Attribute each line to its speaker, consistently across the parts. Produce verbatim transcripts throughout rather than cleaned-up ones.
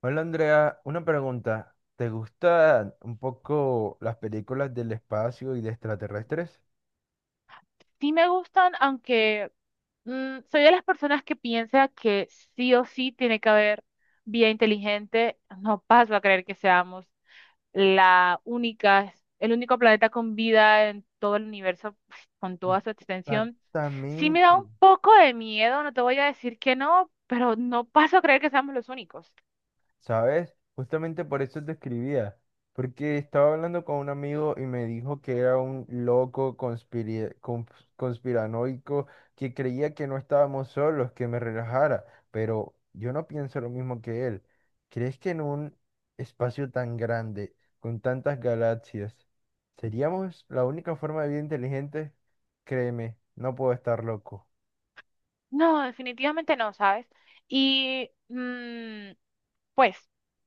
Speaker 1: Hola Andrea, una pregunta. ¿Te gustan un poco las películas del espacio y de extraterrestres?
Speaker 2: Sí me gustan, aunque mm, soy de las personas que piensa que sí o sí tiene que haber vía inteligente. No paso a creer que seamos la única, el único planeta con vida en todo el universo, pues, con toda su extensión. Sí me
Speaker 1: Exactamente.
Speaker 2: da un poco de miedo, no te voy a decir que no, pero no paso a creer que seamos los únicos.
Speaker 1: ¿Sabes? Justamente por eso te escribía, porque estaba hablando con un amigo y me dijo que era un loco conspiri- cons- conspiranoico que creía que no estábamos solos, que me relajara, pero yo no pienso lo mismo que él. ¿Crees que en un espacio tan grande, con tantas galaxias, seríamos la única forma de vida inteligente? Créeme, no puedo estar loco.
Speaker 2: No, definitivamente no, ¿sabes? Y mm, pues,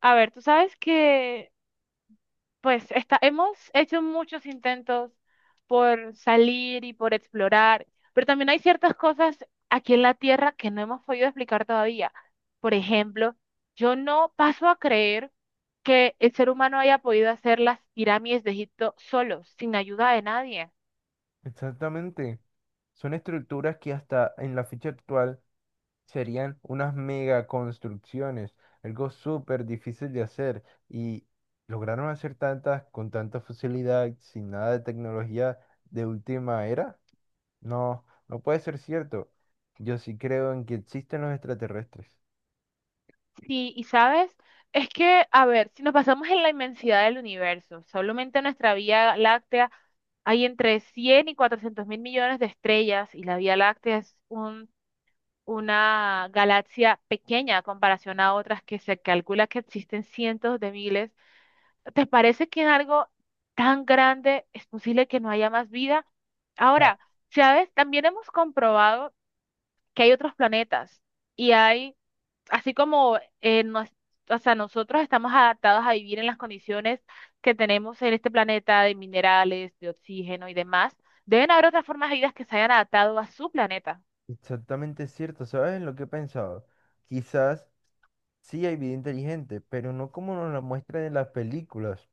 Speaker 2: a ver, tú sabes que pues está, hemos hecho muchos intentos por salir y por explorar, pero también hay ciertas cosas aquí en la Tierra que no hemos podido explicar todavía. Por ejemplo, yo no paso a creer que el ser humano haya podido hacer las pirámides de Egipto solo, sin ayuda de nadie.
Speaker 1: Exactamente. Son estructuras que hasta en la fecha actual serían unas mega construcciones, algo súper difícil de hacer y lograron hacer tantas con tanta facilidad, sin nada de tecnología de última era. No, no puede ser cierto. Yo sí creo en que existen los extraterrestres.
Speaker 2: Sí, y sabes, es que, a ver, si nos basamos en la inmensidad del universo, solamente nuestra Vía Láctea hay entre cien y cuatrocientos mil millones de estrellas y la Vía Láctea es un una galaxia pequeña a comparación a otras que se calcula que existen cientos de miles. ¿Te parece que en algo tan grande es posible que no haya más vida?
Speaker 1: Ah,
Speaker 2: Ahora, ¿sabes? También hemos comprobado que hay otros planetas y hay, así como eh, nos- o sea, nosotros estamos adaptados a vivir en las condiciones que tenemos en este planeta de minerales, de oxígeno y demás, deben haber otras formas de vida que se hayan adaptado a su planeta.
Speaker 1: exactamente cierto. ¿Sabes lo que he pensado? Quizás sí hay vida inteligente, pero no como nos la muestran en las películas.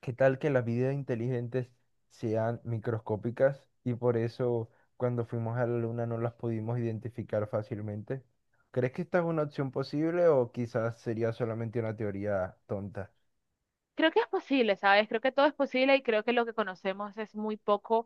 Speaker 1: ¿Qué tal que las vidas inteligentes sean microscópicas y por eso cuando fuimos a la luna no las pudimos identificar fácilmente? ¿Crees que esta es una opción posible o quizás sería solamente una teoría tonta?
Speaker 2: Creo que es posible, ¿sabes? Creo que todo es posible y creo que lo que conocemos es muy poco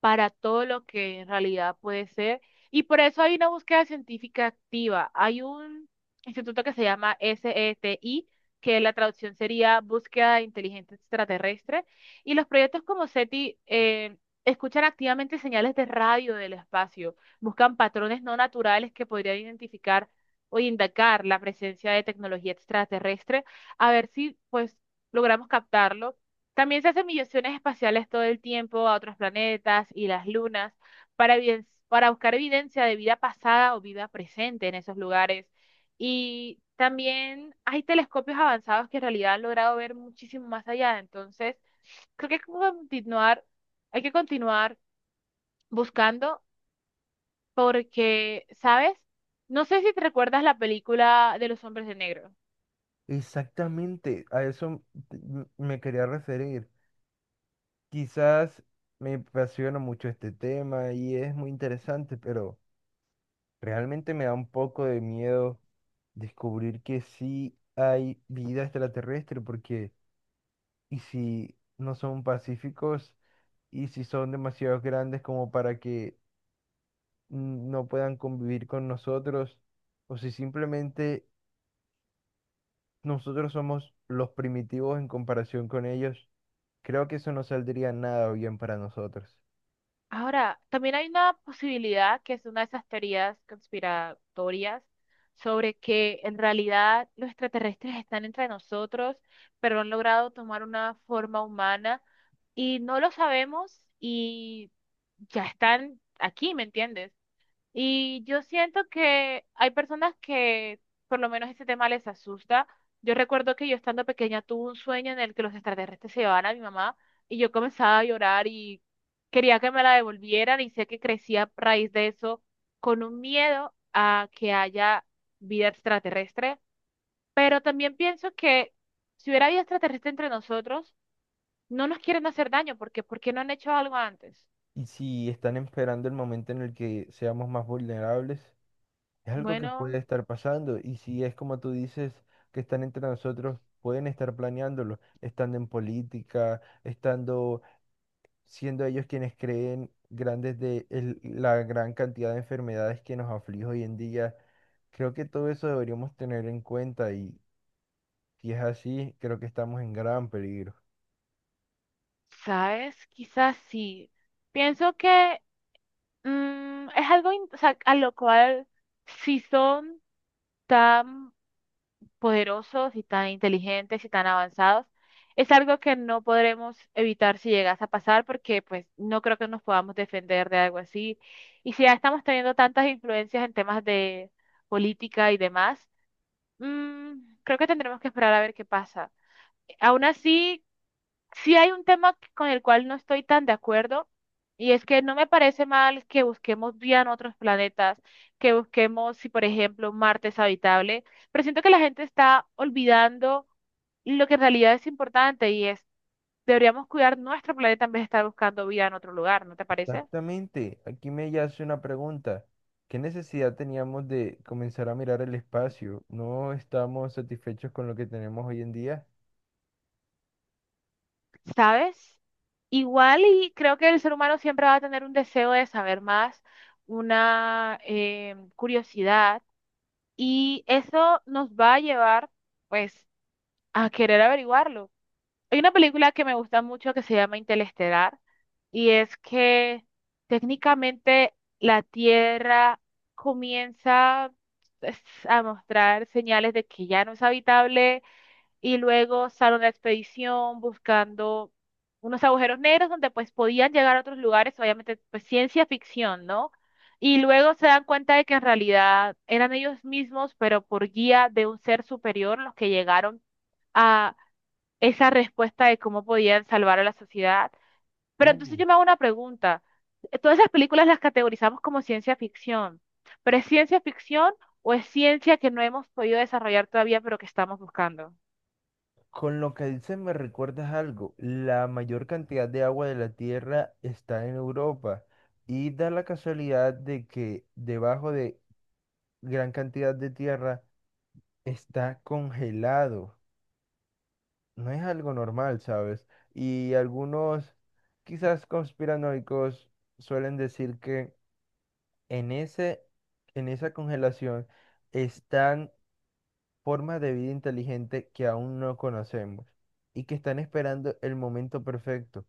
Speaker 2: para todo lo que en realidad puede ser. Y por eso hay una búsqueda científica activa. Hay un instituto que se llama SETI, que la traducción sería Búsqueda Inteligente Extraterrestre. Y los proyectos como SETI eh, escuchan activamente señales de radio del espacio, buscan patrones no naturales que podrían identificar o indicar la presencia de tecnología extraterrestre a ver si pues logramos captarlo. También se hacen misiones espaciales todo el tiempo a otros planetas y las lunas para, eviden- para buscar evidencia de vida pasada o vida presente en esos lugares. Y también hay telescopios avanzados que en realidad han logrado ver muchísimo más allá. Entonces, creo que hay que continuar, hay que continuar buscando porque, ¿sabes? No sé si te recuerdas la película de los hombres de negro.
Speaker 1: Exactamente, a eso m- me quería referir. Quizás me apasiona mucho este tema y es muy interesante, pero realmente me da un poco de miedo descubrir que sí hay vida extraterrestre porque y si no son pacíficos, y si son demasiado grandes como para que mm, no puedan convivir con nosotros, o si simplemente nosotros somos los primitivos en comparación con ellos, creo que eso no saldría nada bien para nosotros.
Speaker 2: Ahora, también hay una posibilidad que es una de esas teorías conspiratorias sobre que en realidad los extraterrestres están entre nosotros, pero han logrado tomar una forma humana y no lo sabemos y ya están aquí, ¿me entiendes? Y yo siento que hay personas que por lo menos ese tema les asusta. Yo recuerdo que yo estando pequeña tuve un sueño en el que los extraterrestres se llevaban a mi mamá y yo comenzaba a llorar y quería que me la devolvieran y sé que crecí a raíz de eso con un miedo a que haya vida extraterrestre. Pero también pienso que si hubiera vida extraterrestre entre nosotros, no nos quieren hacer daño porque ¿por qué no han hecho algo antes?
Speaker 1: Y si están esperando el momento en el que seamos más vulnerables, es algo que
Speaker 2: Bueno.
Speaker 1: puede estar pasando. Y si es como tú dices, que están entre nosotros, pueden estar planeándolo, estando en política, estando siendo ellos quienes creen grandes de el- la gran cantidad de enfermedades que nos aflige hoy en día. Creo que todo eso deberíamos tener en cuenta y si es así, creo que estamos en gran peligro.
Speaker 2: ¿Sabes? Quizás sí. Pienso que mm, es algo in- o sea, a lo cual si son tan poderosos y tan inteligentes y tan avanzados, es algo que no podremos evitar si llegase a pasar porque pues no creo que nos podamos defender de algo así. Y si ya estamos teniendo tantas influencias en temas de política y demás, mm, creo que tendremos que esperar a ver qué pasa. Aún así, sí hay un tema que- con el cual no estoy tan de acuerdo y es que no me parece mal que busquemos vida en otros planetas, que busquemos, si por ejemplo Marte es habitable, pero siento que la gente está olvidando lo que en realidad es importante y es, deberíamos cuidar nuestro planeta en vez de estar buscando vida en otro lugar, ¿no te parece?
Speaker 1: Exactamente, aquí me yace una pregunta. ¿Qué necesidad teníamos de comenzar a mirar el espacio? ¿No estamos satisfechos con lo que tenemos hoy en día?
Speaker 2: ¿Sabes? Igual y creo que el ser humano siempre va a tener un deseo de saber más, una eh, curiosidad y eso nos va a llevar pues a querer averiguarlo. Hay una película que me gusta mucho que se llama Interestelar y es que técnicamente la Tierra comienza pues, a mostrar señales de que ya no es habitable y luego sale una expedición buscando unos agujeros negros donde pues podían llegar a otros lugares, obviamente pues ciencia ficción, ¿no? Y luego se dan cuenta de que en realidad eran ellos mismos, pero por guía de un ser superior los que llegaron a esa respuesta de cómo podían salvar a la sociedad. Pero entonces
Speaker 1: Uh.
Speaker 2: yo me hago una pregunta. Todas esas películas las categorizamos como ciencia ficción, pero ¿es ciencia ficción o es ciencia que no hemos podido desarrollar todavía, pero que estamos buscando?
Speaker 1: Con lo que dices me recuerdas algo. La mayor cantidad de agua de la Tierra está en Europa y da la casualidad de que debajo de gran cantidad de tierra está congelado. No es algo normal, ¿sabes? Y algunos, quizás conspiranoicos, suelen decir que en ese, en esa congelación están formas de vida inteligente que aún no conocemos y que están esperando el momento perfecto.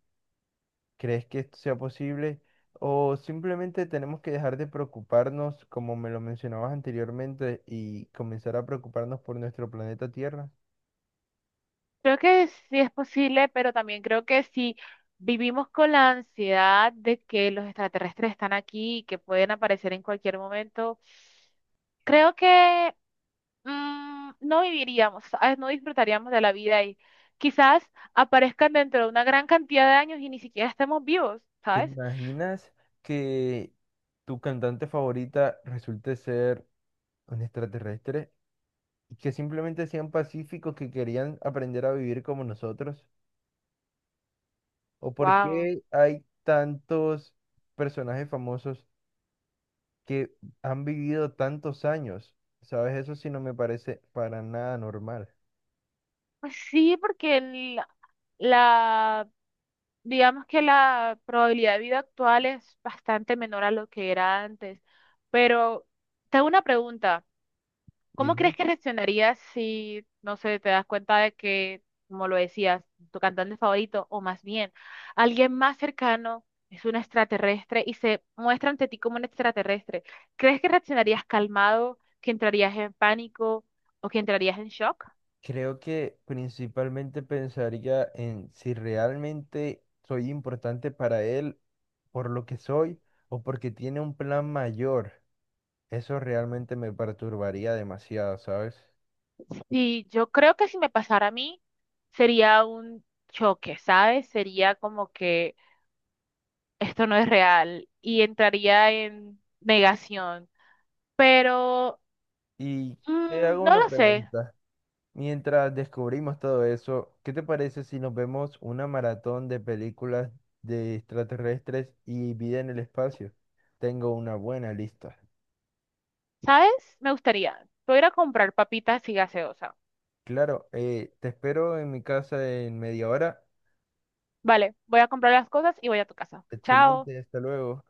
Speaker 1: ¿Crees que esto sea posible? ¿O simplemente tenemos que dejar de preocuparnos, como me lo mencionabas anteriormente, y comenzar a preocuparnos por nuestro planeta Tierra?
Speaker 2: Creo que sí es posible, pero también creo que si vivimos con la ansiedad de que los extraterrestres están aquí y que pueden aparecer en cualquier momento. Creo que mm, no viviríamos, ¿sabes? No disfrutaríamos de la vida y quizás aparezcan dentro de una gran cantidad de años y ni siquiera estemos vivos,
Speaker 1: ¿Te
Speaker 2: ¿sabes?
Speaker 1: imaginas que tu cantante favorita resulte ser un extraterrestre y que simplemente sean pacíficos que querían aprender a vivir como nosotros? ¿O por
Speaker 2: Wow.
Speaker 1: qué hay tantos personajes famosos que han vivido tantos años? ¿Sabes? Eso sí no me parece para nada normal.
Speaker 2: Pues sí, porque el- la, digamos que la probabilidad de vida actual es bastante menor a lo que era antes. Pero tengo una pregunta. ¿Cómo
Speaker 1: Dime.
Speaker 2: crees que reaccionarías si, no sé, te das cuenta de que, como lo decías, tu cantante favorito, o más bien, alguien más cercano es un extraterrestre y se muestra ante ti como un extraterrestre? ¿Crees que reaccionarías calmado, que entrarías en pánico o que entrarías en shock?
Speaker 1: Creo que principalmente pensaría en si realmente soy importante para él por lo que soy o porque tiene un plan mayor. Eso realmente me perturbaría demasiado, ¿sabes?
Speaker 2: Sí, yo creo que si me pasara a mí, sería un choque, ¿sabes? Sería como que esto no es real y entraría en negación. Pero...
Speaker 1: Y te hago
Speaker 2: Mm, no
Speaker 1: una
Speaker 2: lo sé.
Speaker 1: pregunta. Mientras descubrimos todo eso, ¿qué te parece si nos vemos una maratón de películas de extraterrestres y vida en el espacio? Tengo una buena lista.
Speaker 2: ¿Sabes? Me gustaría. Voy a ir a comprar papitas y gaseosa.
Speaker 1: Claro, eh, te espero en mi casa en media hora.
Speaker 2: Vale, voy a comprar las cosas y voy a tu casa. Chao.
Speaker 1: Excelente, hasta luego.